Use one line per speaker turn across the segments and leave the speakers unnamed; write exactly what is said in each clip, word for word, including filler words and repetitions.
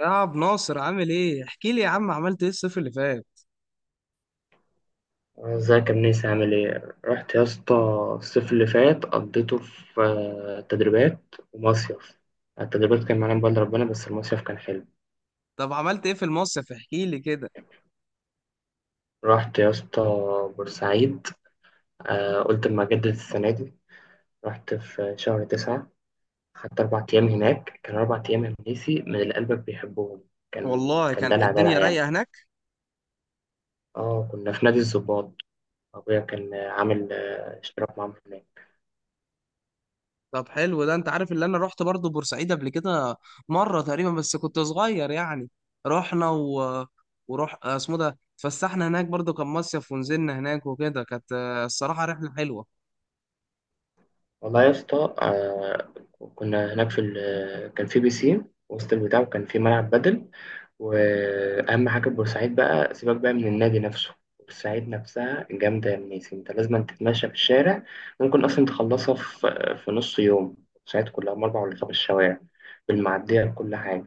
يا عم ناصر، عامل ايه؟ احكي لي يا عم، عملت ايه الصيف اللي فات؟
ازيك يا منيس، عامل ايه؟ رحت يا اسطى. الصيف اللي فات قضيته في آه، تدريبات ومصيف. التدريبات كان معانا بقدر ربنا، بس المصيف كان حلو.
طب عملت ايه في المصيف؟ احكي لي كده.
رحت يا اسطى بورسعيد. آه، قلت اما اجدد السنة دي. رحت في شهر تسعة، خدت أربع أيام هناك. كان أربع أيام يا منيسي من اللي قلبك بيحبهم. كان
والله
كان
كان
دلع دلع
الدنيا
يعني.
رايقه هناك.
اه كنا في نادي الظباط. أبويا كان آه، عامل آه، اشتراك معاهم هناك.
طب حلو ده. انت عارف، اللي انا رحت برضو بورسعيد قبل كده مره تقريبا، بس كنت صغير يعني. رحنا و... وروح اسمه ده، اتفسحنا هناك برضو كان مصيف ونزلنا هناك وكده، كانت آه، الصراحه رحله حلوه.
والله يا اسطى، آه، كنا هناك في ال... كان في بيسين وسط البتاع، وكان في ملعب بدل. واهم حاجه في بورسعيد، بقى سيبك بقى من النادي نفسه، بورسعيد نفسها جامده يا منيس. انت لازم تتمشى في الشارع. ممكن اصلا تخلصها في في نص يوم. بورسعيد كلها من اربع ولا خمس شوارع، بالمعديه بكل حاجه.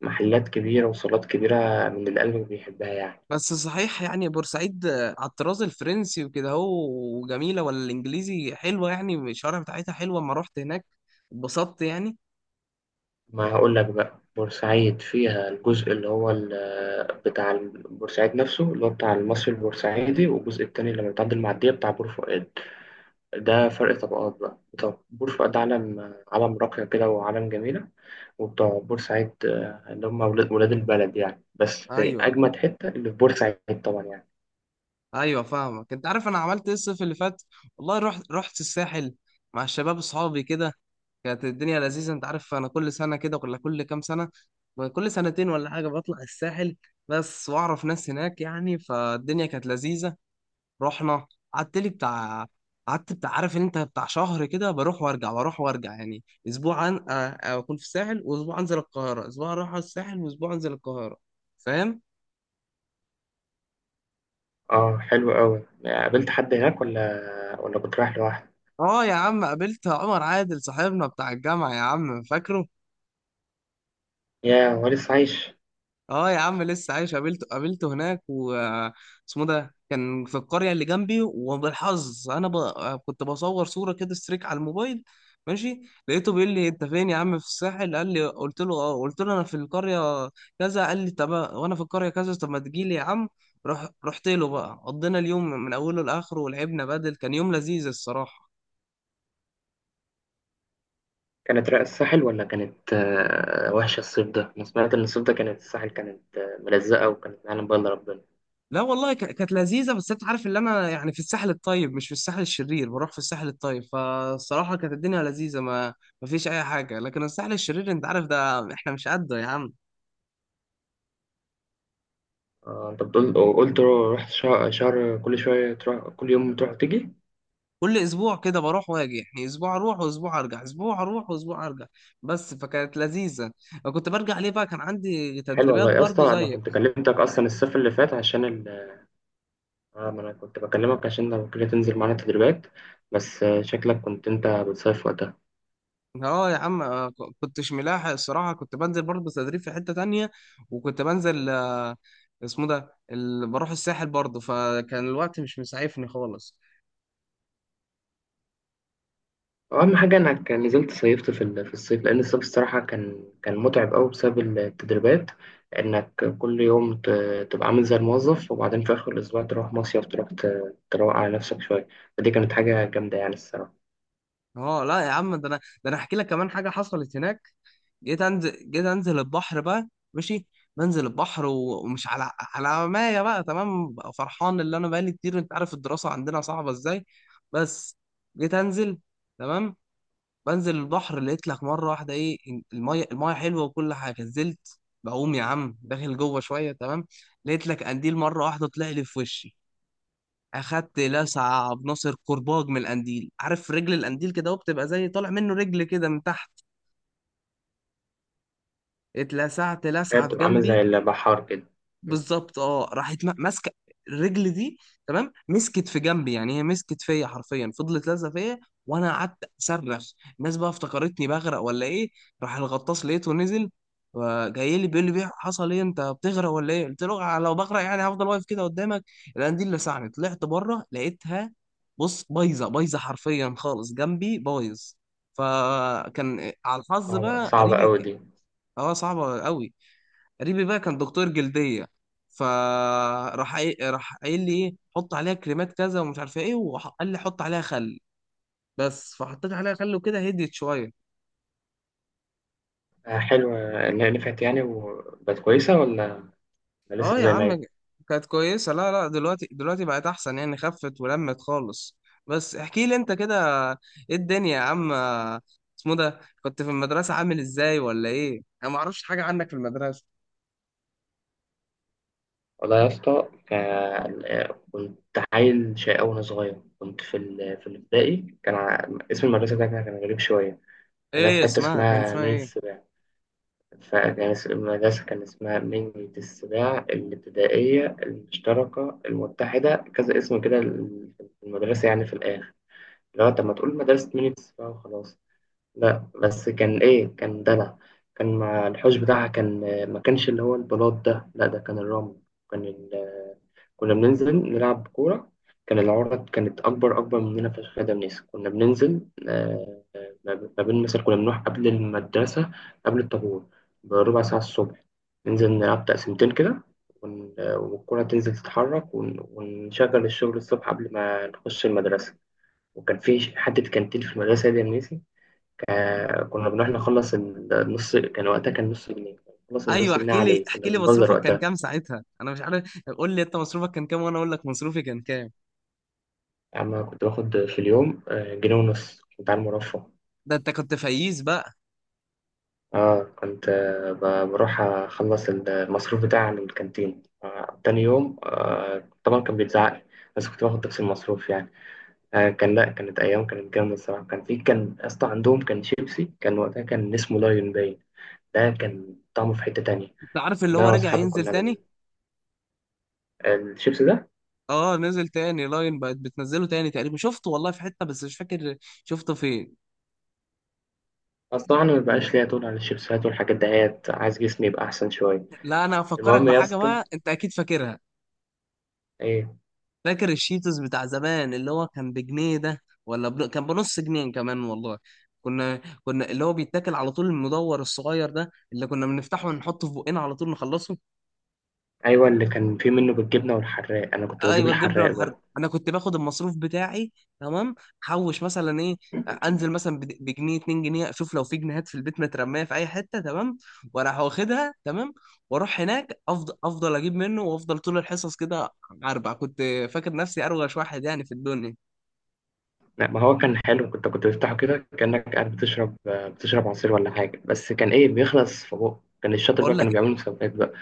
محلات كبيره وصالات كبيره من اللي قلبك بيحبها يعني.
بس صحيح، يعني بورسعيد آه، على الطراز الفرنسي وكده هو، وجميله ولا الانجليزي؟ حلوه يعني، الشوارع بتاعتها حلوه، اما رحت هناك اتبسطت يعني.
ما هقول لك بقى، بورسعيد فيها الجزء اللي هو ال- بتاع ال- بورسعيد نفسه اللي هو بتاع المصري البورسعيدي، والجزء التاني اللي بتعدي المعدية بتاع بور فؤاد. ده فرق طبقات بقى. طب بور فؤاد علم علم راقية كده وعلم جميلة، وبتوع بورسعيد آه، اللي هم ولاد ولاد البلد يعني. بس
ايوه،
أجمد حتة اللي في بورسعيد طبعا يعني.
ايوه، فاهمك. انت عارف انا عملت ايه الصيف اللي فات؟ والله رحت رحت الساحل، مع الشباب اصحابي كده. كانت الدنيا لذيذه. انت عارف انا كل سنه كده ولا كل كام سنه؟ كل سنتين ولا حاجه بطلع الساحل، بس واعرف ناس هناك يعني، فالدنيا كانت لذيذه. رحنا، قعدت لي بتاع قعدت بتاع، عارف ان انت بتاع شهر كده، بروح وارجع بروح وارجع، يعني اسبوع عن... آه، آه، اكون في الساحل واسبوع انزل القاهره، اسبوع اروح على الساحل واسبوع انزل القاهره. فاهم؟
اه حلو قوي. قابلت حد هناك ولا ولا كنت رايح لوحدك؟
اه يا عم، قابلت عمر عادل صاحبنا بتاع الجامعة، يا عم فاكره؟
يا ولسه عايش.
اه يا عم لسه عايش، قابلته قابلته هناك و اسمه ده كان في القرية اللي جنبي، وبالحظ انا ب... كنت بصور صورة كده ستريك على الموبايل. ماشي. لقيته بيقول لي: انت فين يا عم؟ في الساحل، قال لي. قلت له اه، قلت له انا في القرية كذا. قال لي: طب وانا في القرية كذا، طب ما تجي لي يا عم. رح... رحت له بقى، قضينا اليوم من اوله لاخره ولعبنا بدل، كان يوم لذيذ الصراحة.
كانت رأي الساحل ولا كانت آه، وحشة الصيف ده؟ أنا سمعت إن الصيف ده كانت الساحل كانت آه، ملزقة وكانت معلم بقى إلا ربنا.
لا والله ك- كانت لذيذه، بس انت عارف اللي انا يعني في الساحل الطيب مش في الساحل الشرير، بروح في الساحل الطيب، فالصراحه كانت الدنيا لذيذه، ما ما فيش اي حاجه، لكن الساحل الشرير انت عارف ده، احنا مش قده يا عم.
آه، أنت بتقول وقلت رو- رحت شهر, شهر، كل شوية تروح، كل يوم تروح وتيجي.
كل اسبوع كده بروح واجي، يعني اسبوع اروح واسبوع ارجع، اسبوع اروح واسبوع ارجع، بس فكانت لذيذه. وكنت برجع ليه بقى، كان عندي
حلو
تدريبات
والله يا
برضو
اسطى. أنا
زيك.
كنت كلمتك أصلا الصيف اللي فات عشان ال... آه، ما أنا كنت بكلمك عشان لو كده تنزل معانا تدريبات، بس آه، شكلك كنت أنت بتصيف وقتها.
اه يا عم، آه، ك- كنتش ملاحق الصراحة، كنت بنزل برضه تدريب في حتة تانية، وكنت بنزل آه، اسمه ده ال... بروح الساحل برضه، فكان الوقت مش مسعفني خالص.
اهم حاجه انك نزلت صيفت في ال- في الصيف، لان الصيف الصراحه كان كان متعب قوي بسبب التدريبات. انك كل يوم ت- تبقى عامل زي الموظف، وبعدين في اخر الاسبوع تروح مصيف، تروح ت- تروق على نفسك شويه. فدي كانت حاجه جامده يعني الصراحه.
اه لا يا عم، ده انا ده انا احكي لك كمان حاجة حصلت هناك. جيت انزل جيت انزل البحر بقى. ماشي. بنزل البحر و- ومش على على مايه بقى، تمام بقى، فرحان اللي انا بقالي كتير، انت عارف الدراسة عندنا صعبة ازاي. بس، جيت انزل، تمام. بنزل البحر، لقيت لك مره واحده ايه؟ المايه المايه حلوه، وكل حاجه، نزلت. بقوم يا عم داخل جوه شويه، تمام. لقيت لك قنديل، مره واحده طلع لي في وشي. اخدت لسعه بناصر كرباج من القنديل. عارف رجل القنديل كده، وبتبقى زي طالع منه رجل كده من تحت؟ اتلسعت
هي
لسعه في
بتبقى عامل
جنبي.
زي البحار كده. م.
بالظبط، اه، راحت ما- ماسكه. الرجل دي، تمام، مسكت في جنبي، يعني هي مسكت فيا حرفيا، فضلت لازقه فيا. وانا قعدت اصرخ، الناس بقى افتكرتني بغرق ولا ايه. راح الغطاس لقيته نزل، جاي لي بيقول لي: بيه حصل ايه، انت بتغرق ولا ايه؟ قلت له: "آه، لو بغرق يعني هفضل واقف كده قدامك؟ لان دي اللي لسعني، طلعت بره لقيتها، بص بايظه بايظه حرفيا خالص، جنبي بايظ." فكان على الحظ
صعبه
بقى
صعبه
قريبي.
قوي دي.
اه صعبه قوي. قريبي بقى كان دكتور جلديه، فراح قايل- راح قايل لي ايه، حط عليها كريمات كذا ومش عارف ايه، وقال لي حط عليها خل. بس فحطيت عليها خل وكده هديت شويه.
آه، حلوه. إن هي نفعت يعني وبقت كويسه، ولا لسه
اه يا
زي ما
عم،
هي؟
كانت كويسه. لا، لا، دلوقتي دلوقتي بقت احسن يعني، خفت ولمت خالص. بس احكي لي انت كده، ايه الدنيا يا عم؟ اسمه ده، كنت في المدرسه عامل ازاي ولا ايه؟ انا ما اعرفش حاجه عنك في المدرسه.
والله يا اسطى، كان آه، كنت عيل شقي أوي وأنا صغير. كنت في ال... في الابتدائي. كان ع- اسم المدرسة ده كان كان غريب شوية. أنا في
ايه
حتة
اسمها؟ كان
اسمها
اسمها
مين
ايه؟
السباع، فكان اس- المدرسة كان اسمها مين السباع الابتدائية المشتركة المتحدة، كذا اسم كده ال- في المدرسة يعني في الآخر. لو طب ما تقول مدرسة مين السباع وخلاص. لا بس كان ايه، كان دلع. كان مع الحوش بتاعها، كان ما كانش اللي هو البلاط ده، لا ده كان الرمل. كان ال... كنا بننزل نلعب كورة. كان العرض كانت أكبر أكبر مننا في الخادم نيس. كنا بننزل آه، ما ما بين مثلا كنا بنروح قبل المدرسة، قبل الطابور، بربع ساعة الصبح، ننزل نلعب تقسيمتين كده، ون- والكرة تنزل تتحرك، ون- ونشغل الشغل الصبح قبل ما نخش المدرسة. وكان في حتة كانتين في المدرسة دي يا منيسي. آه كنا بنروح نخلص النص، كان وقتها كان نص جنيه، نخلص
ايوه،
النص جنيه
احكي لي
عليه، كنا
احكي لي
بنبذر
مصروفك كان
وقتها.
كام ساعتها؟ انا مش عارف. قول لي انت مصروفك كان كام وانا اقول لك مصروفي كان كام.
أما كنت باخد في اليوم آه جنيه ونص، كنت على المرفه.
ده انت كنت فقيس بقى.
اه كنت آه ب- بروح أخلص المصروف بتاعي من الكانتين آه تاني يوم، آه طبعا كان بيتزعق لي، بس كنت باخد نفس المصروف يعني. آه كان لا كانت أيام كانت جامدة الصراحة. كان في كان أصلا عندهم كان شيبسي، كان وقتها كان اسمه لايون باين. ده كان طعمه في حتة تانية.
انت عارف اللي
إن
هو
أنا
رجع
وأصحابي
ينزل
كنا
تاني؟
بن الشيبس ده.
اه نزل تاني، لاين بقت بتنزله تاني تقريبا. شفته والله في حتة بس مش فاكر شفته فين.
بس طبعا ما بقاش ليا طول على الشيبسات والحاجات دهيت، عايز جسمي يبقى احسن شويه.
لا، انا هفكرك
المهم يا
بحاجة
اسطى،
بقى انت اكيد فاكرها.
ايه.
فاكر الشيتوس بتاع زمان اللي هو كان بجنيه ده ولا بن... كان بنص جنيه كمان والله؟ كنا كنا اللي هو بيتاكل على طول، المدور الصغير ده اللي كنا بنفتحه ونحطه في بقنا على طول نخلصه.
ايوه اللي كان فيه منه بالجبنه والحراق، انا كنت بجيب
ايوه الجبنه
الحراق
والحر.
بقى.
انا كنت باخد المصروف بتاعي، تمام، حوش مثلا ايه، انزل مثلا بد- بجنيه، اتنين جنيه، اشوف لو في جنيهات في البيت مترميه في اي حته، تمام، واروح واخدها، تمام، واروح هناك افضل افضل اجيب منه، وافضل طول الحصص كده اربع، كنت فاكر نفسي اروش واحد يعني في الدنيا.
لا ما هو كان حلو، كنت كنت بفتحه كده كانك قاعد بتشرب آه، بتشرب عصير ولا حاجه، بس كان ايه بيخلص في بقه، كان الشاطر بقى
اقول لك،
كانوا بيعملوا مسابقات بقى،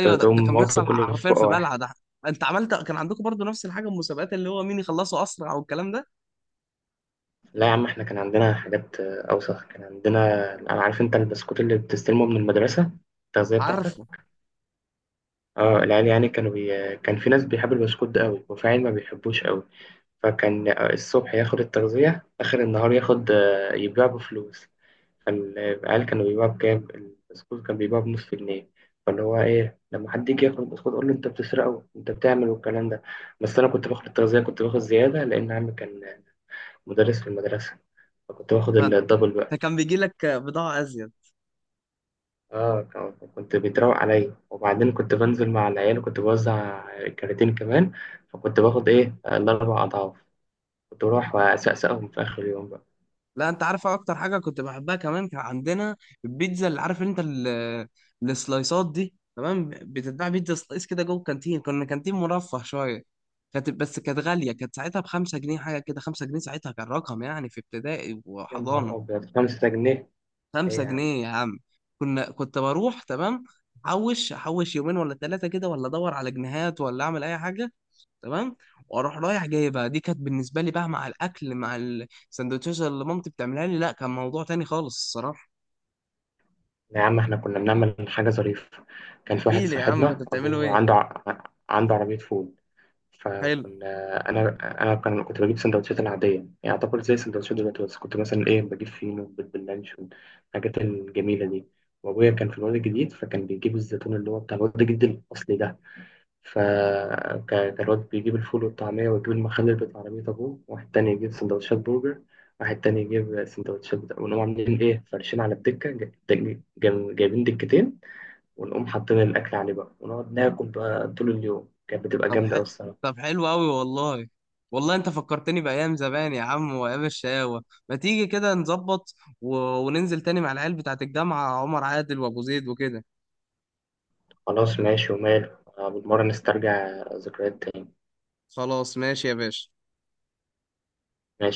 ت-
ده, ده
تقوم
كان
واخده
بيحصل
كله في
حرفيا
بقه
في
واحد.
بلعه ده. انت عملت كان عندكم برضو نفس الحاجه، المسابقات اللي هو مين يخلصه اسرع والكلام ده؟
لا يا عم، احنا كان عندنا حاجات آه، اوسخ. كان عندنا، عارف انت البسكوت اللي بتستلمه من المدرسه، التغذيه بتاعتك.
عارفه.
اه العيال يعني كانوا بي... كان في ناس بيحب البسكوت ده قوي، وفي عيال ما بيحبوش قوي. فكان آه، الصبح ياخد التغذية، آخر النهار ياخد آه، يبيع بفلوس. فالعيال كانوا بيبيعوا بكام البسكوت؟ كان بيبيعوا بنص جنيه. فاللي هو ايه، لما حد يجي ياخد البسكوت اقول له انت بتسرقه، انت بتعمل والكلام ده. بس انا كنت باخد التغذية، كنت باخد زيادة لأن عمي كان مدرس في المدرسة، فكنت باخد
فانت
الدبل بقى.
كان بيجي لك بضاعه ازيد؟
اه ك- كنت بيتراوق عليا، وبعدين كنت بنزل مع العيال وكنت بوزع كراتين كمان، فكنت باخد ايه آه، الاربع اضعاف، كنت بروح واسقسقهم في اخر اليوم بقى.
لا، انت عارف اكتر حاجه كنت بحبها كمان؟ كان عندنا البيتزا، اللي عارف انت ال- السلايسات دي، تمام، بتتباع بيتزا سلايس كده جوه الكانتين، كنا كانتين مرفه شويه. كانت، بس كانت غاليه، كانت ساعتها بخمسة جنيه حاجه كده، خمسة جنيه ساعتها كان رقم يعني، في ابتدائي
يا
وحضانه.
نهار ابيض، خمسة جنيه؟ ايه
خمسة
يا عم.
جنيه يا عم. كنا، كنت بروح، تمام، احوش احوش يومين ولا ثلاثه كده، ولا ادور على جنيهات، ولا اعمل اي حاجه، تمام، واروح رايح جايبها، دي كانت بالنسبه لي بقى مع الاكل، مع السندوتشات اللي مامتي بتعملها لي، لا كان موضوع تاني خالص الصراحه.
لا يا عم، احنا كنا بنعمل حاجه ظريفه. كان في واحد
احكي لي يا عم، كنت
صاحبنا
بتعملوا
ابوه
ايه؟
عنده ع- عنده عربيه فول.
حلو.
فكنا، انا انا كان كنت بجيب سندوتشات العاديه يعني، اعتبر زي السندوتشات دلوقتي، بس كنت مثلا ايه بجيب فينو بيض باللانشون، الحاجات الجميله دي. وابويا كان في الواد الجديد، فكان بيجيب الزيتون اللي هو بتاع الواد الجديد الاصلي ده. فكان الواد بيجيب الفول والطعميه، ويجيب المخلل بتاع عربيه ابوه، واحد تاني يجيب سندوتشات برجر، واحد تاني يجيب سندوتشات بتاع، ونقوم عاملين ايه فرشين على الدكه، جا- جا- جا- جايبين دكتين، ونقوم حاطين الاكل عليه بقى، ونقعد ناكل بقى طول اليوم، كانت بتبقى
طب
جامده
ح...
أوي الصراحه.
طب حلو قوي والله. والله انت فكرتني بايام زمان يا عم، وايام الشقاوه، ما تيجي كده نظبط و... وننزل تاني مع العيال بتاعت الجامعه، عمر عادل وابو زيد وكده.
خلاص ماشي وماله، آه، بالمرة نسترجع ذكريات تاني.
خلاص ماشي يا باشا.
ماشي.